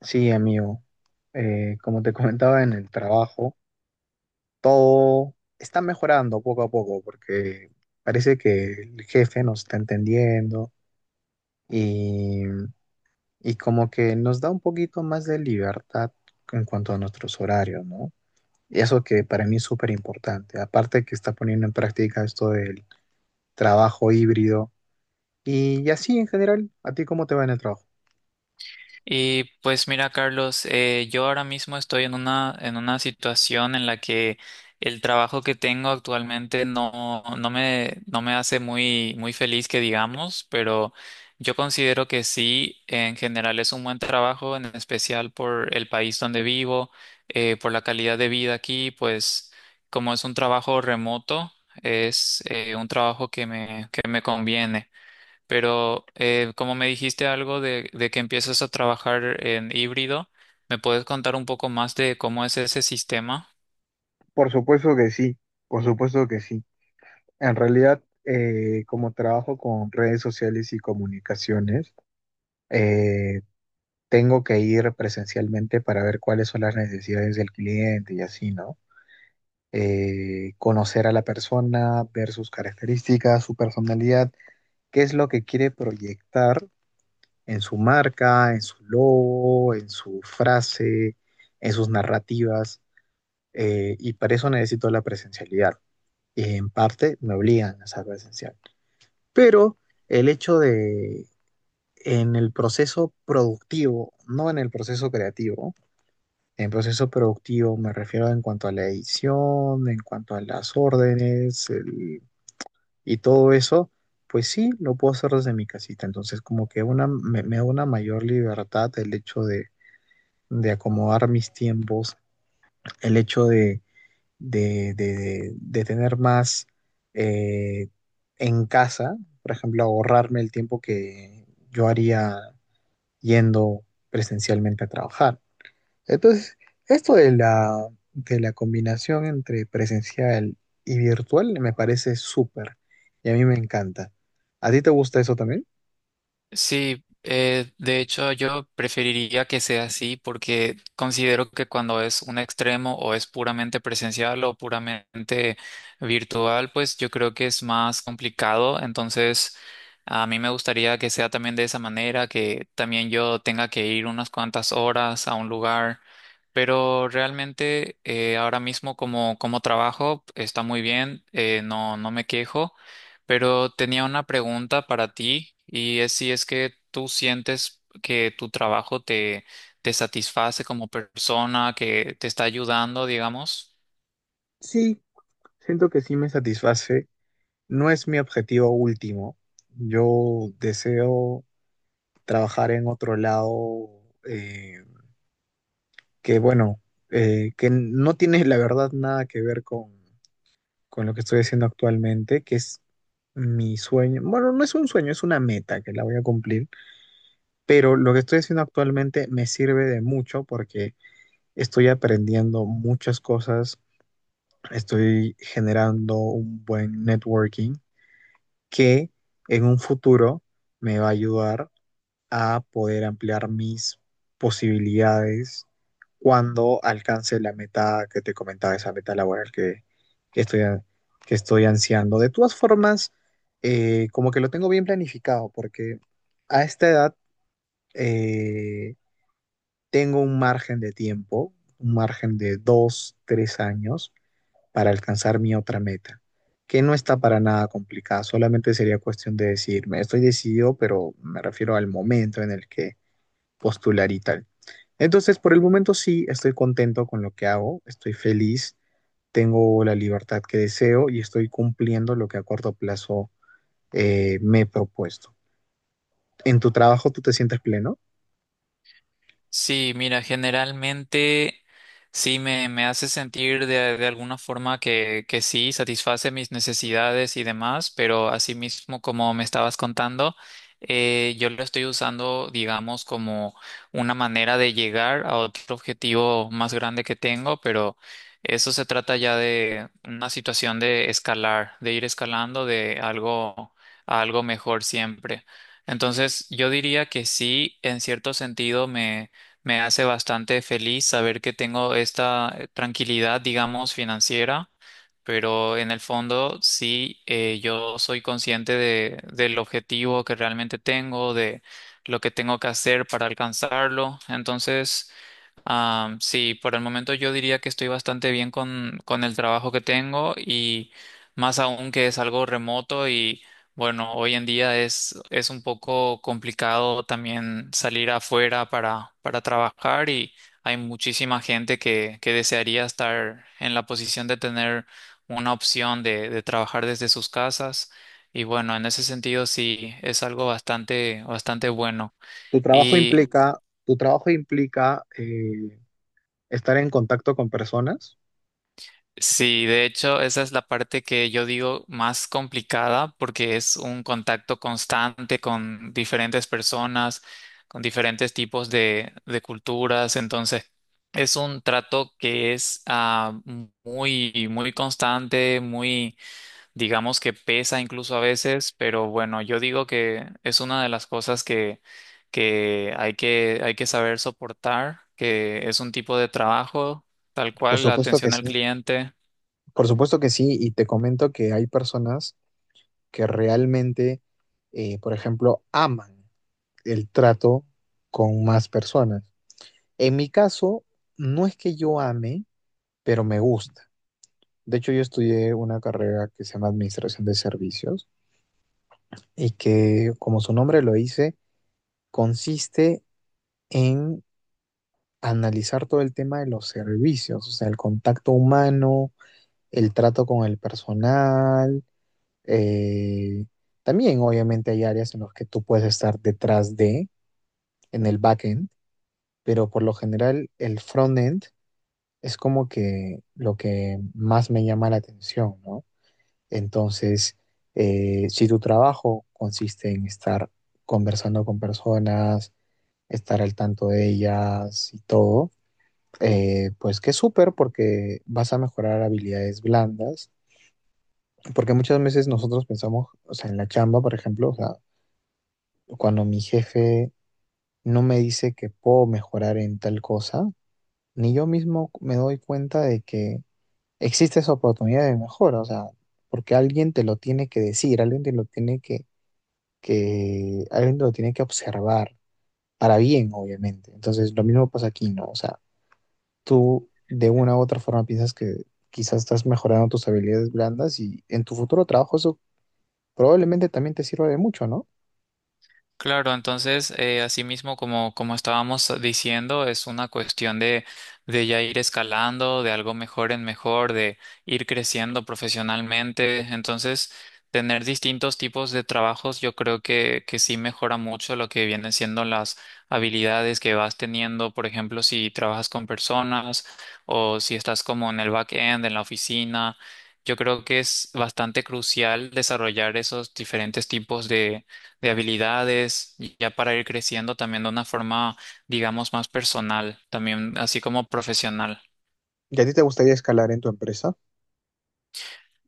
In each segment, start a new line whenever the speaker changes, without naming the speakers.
Sí, amigo. Como te comentaba en el trabajo, todo está mejorando poco a poco porque parece que el jefe nos está entendiendo y, y como que nos da un poquito más de libertad en cuanto a nuestros horarios, ¿no? Y eso que para mí es súper importante. Aparte que está poniendo en práctica esto del trabajo híbrido y así en general, ¿a ti cómo te va en el trabajo?
Y pues mira, Carlos, yo ahora mismo estoy en en una situación en la que el trabajo que tengo actualmente no me hace muy feliz que digamos, pero yo considero que sí, en general es un buen trabajo, en especial por el país donde vivo, por la calidad de vida aquí, pues como es un trabajo remoto, es un trabajo que que me conviene. Pero como me dijiste algo de que empiezas a trabajar en híbrido, ¿me puedes contar un poco más de cómo es ese sistema?
Por supuesto que sí, por supuesto que sí. En realidad, como trabajo con redes sociales y comunicaciones, eh, tengo que ir presencialmente para ver cuáles son las necesidades del cliente y así, ¿no? Conocer a la persona, ver sus características, su personalidad, qué es lo que quiere proyectar en su marca, en su logo, en su frase, en sus narrativas, y para eso necesito la presencialidad. Y en parte me obligan a ser presencial. Pero el hecho de en el proceso productivo, no en el proceso creativo, en proceso productivo me refiero en cuanto a la edición, en cuanto a las y todo eso, pues sí, lo puedo hacer desde mi casita. Entonces como que una, me da una mayor libertad el hecho de acomodar mis tiempos, el hecho de de tener más eh, en casa, por ejemplo, ahorrarme el tiempo que yo haría yendo presencialmente a trabajar. Entonces, esto de de la combinación entre presencial y virtual me parece súper y a mí me encanta. ¿A ti te gusta eso también?
Sí, de hecho yo preferiría que sea así porque considero que cuando es un extremo o es puramente presencial o puramente virtual, pues yo creo que es más complicado. Entonces, a mí me gustaría que sea también de esa manera, que también yo tenga que ir unas cuantas horas a un lugar. Pero realmente ahora mismo como trabajo está muy bien, no, no me quejo. Pero tenía una pregunta para ti y es si es que tú sientes que tu trabajo te satisface como persona, que te está ayudando, digamos.
Sí, siento que sí me satisface. No es mi objetivo último. Yo deseo trabajar en otro lado, que bueno, que no tiene la verdad nada que ver con lo que estoy haciendo actualmente, que es mi sueño. Bueno, no es un sueño, es una meta que la voy a cumplir, pero lo que estoy haciendo actualmente me sirve de mucho porque estoy aprendiendo muchas cosas, estoy generando un buen networking que en un futuro me va a ayudar a poder ampliar mis posibilidades cuando alcance la meta que te comentaba, esa meta laboral que estoy, que estoy ansiando. De todas formas, como que lo tengo bien planificado, porque a esta edad eh, tengo un margen de tiempo, un margen de dos, tres años para alcanzar mi otra meta, que no está para nada complicada, solamente sería cuestión de decidirme. Estoy decidido, pero me refiero al momento en el que postular y tal. Entonces, por el momento sí, estoy contento con lo que hago, estoy feliz, tengo la libertad que deseo y estoy cumpliendo lo que a corto plazo me he propuesto. ¿En tu trabajo tú te sientes pleno?
Sí, mira, generalmente me hace sentir de alguna forma que sí, satisface mis necesidades y demás, pero asimismo, como me estabas contando, yo lo estoy usando, digamos, como una manera de llegar a otro objetivo más grande que tengo, pero eso se trata ya de una situación de escalar, de ir escalando de algo a algo mejor siempre. Entonces, yo diría que sí, en cierto sentido me hace bastante feliz saber que tengo esta tranquilidad, digamos, financiera, pero en el fondo sí, yo soy consciente del objetivo que realmente tengo, de lo que tengo que hacer para alcanzarlo. Entonces... Ah, sí, por el momento yo diría que estoy bastante bien con el trabajo que tengo y más aún que es algo remoto y bueno, hoy en día es un poco complicado también salir afuera para trabajar y hay muchísima gente que desearía estar en la posición de tener una opción de trabajar desde sus casas y bueno, en ese sentido sí es algo bastante bueno.
¿Tu trabajo
Y
implica, tu trabajo implica estar en contacto con personas?
sí, de hecho, esa es la parte que yo digo más complicada porque es un contacto constante con diferentes personas, con diferentes tipos de culturas. Entonces, es un trato que es muy constante, muy, digamos que pesa incluso a veces, pero bueno, yo digo que es una de las cosas que hay que saber soportar, que es un tipo de trabajo, tal
Por
cual, la
supuesto que
atención al
sí,
cliente.
por supuesto que sí, y te comento que hay personas que realmente, por ejemplo, aman el trato con más personas. En mi caso, no es que yo ame, pero me gusta. De hecho, yo estudié una carrera que se llama Administración de Servicios y que, como su nombre lo dice, consiste en analizar todo el tema de los servicios, o sea, el contacto humano, el trato con el personal. eh, También, obviamente, hay áreas en las que tú puedes estar detrás de, en el backend, pero por lo general, el frontend es como que lo que más me llama la atención, ¿no? Entonces, si tu trabajo consiste en estar conversando con personas, estar al tanto de ellas y todo, pues que súper porque vas a mejorar habilidades blandas, porque muchas veces nosotros pensamos, o sea, en la chamba, por ejemplo, o sea, cuando mi jefe no me dice que puedo mejorar en tal cosa, ni yo mismo me doy cuenta de que existe esa oportunidad de mejora, o sea, porque alguien te lo tiene que decir, alguien te lo tiene alguien te lo tiene que observar, para bien, obviamente. Entonces, lo mismo pasa aquí, ¿no? O sea, tú de una u otra forma piensas que quizás estás mejorando tus habilidades blandas y en tu futuro trabajo eso probablemente también te sirva de mucho, ¿no?
Claro, entonces, asimismo, como estábamos diciendo, es una cuestión de ya ir escalando, de algo mejor en mejor, de ir creciendo profesionalmente. Entonces, tener distintos tipos de trabajos, yo creo que sí mejora mucho lo que vienen siendo las habilidades que vas teniendo. Por ejemplo, si trabajas con personas o si estás como en el back-end, en la oficina. Yo creo que es bastante crucial desarrollar esos diferentes tipos de habilidades, y ya para ir creciendo también de una forma, digamos, más personal, también así como profesional.
¿Y a ti te gustaría escalar en tu empresa?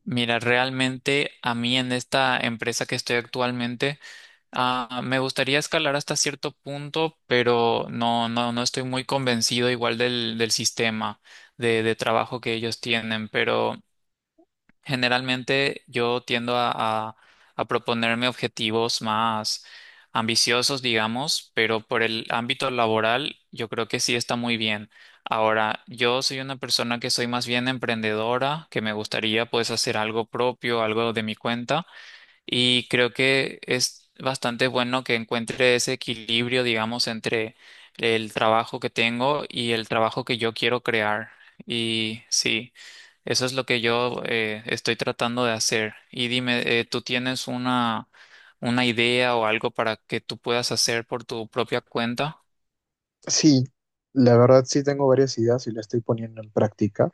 Mira, realmente a mí en esta empresa que estoy actualmente, ah, me gustaría escalar hasta cierto punto, pero no estoy muy convencido igual del sistema de trabajo que ellos tienen, pero generalmente yo tiendo a- a proponerme objetivos más ambiciosos, digamos, pero por el ámbito laboral yo creo que sí está muy bien. Ahora, yo soy una persona que soy más bien emprendedora, que me gustaría pues hacer algo propio, algo de mi cuenta. Y creo que es bastante bueno que encuentre ese equilibrio, digamos, entre el trabajo que tengo y el trabajo que yo quiero crear. Y sí, eso es lo que yo estoy tratando de hacer. Y dime, ¿tú tienes una idea o algo para que tú puedas hacer por tu propia cuenta?
Sí, la verdad sí tengo varias ideas y las estoy poniendo en práctica.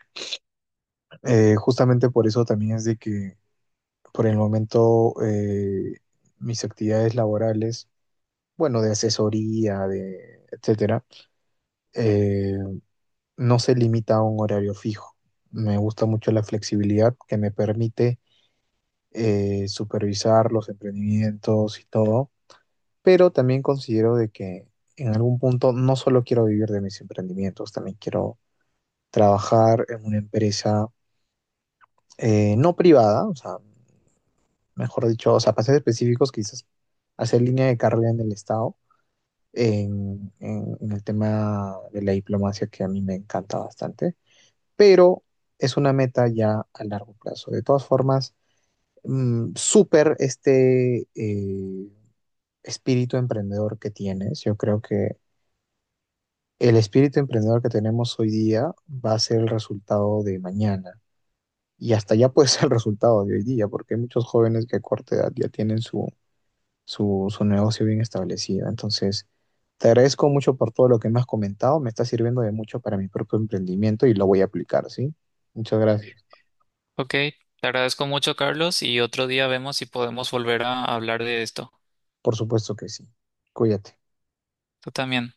Justamente por eso también es de que por el momento, mis actividades laborales, bueno, de asesoría, de etcétera, eh, no se limita a un horario fijo. Me gusta mucho la flexibilidad que me permite supervisar los emprendimientos y todo, pero también considero de que en algún punto no solo quiero vivir de mis emprendimientos, también quiero trabajar en una empresa no privada, o sea, mejor dicho, o sea, para ser específicos, quizás hacer línea de carrera en el Estado, en el tema de la diplomacia que a mí me encanta bastante, pero es una meta ya a largo plazo. De todas formas, súper este espíritu emprendedor que tienes. Yo creo que el espíritu emprendedor que tenemos hoy día va a ser el resultado de mañana. Y hasta ya puede ser el resultado de hoy día, porque hay muchos jóvenes que a corta edad ya tienen su negocio bien establecido. Entonces, te agradezco mucho por todo lo que me has comentado, me está sirviendo de mucho para mi propio emprendimiento y lo voy a aplicar, ¿sí? Muchas gracias.
Ok, te agradezco mucho, Carlos, y otro día vemos si podemos volver a hablar de esto.
Por supuesto que sí. Cuídate.
Tú también.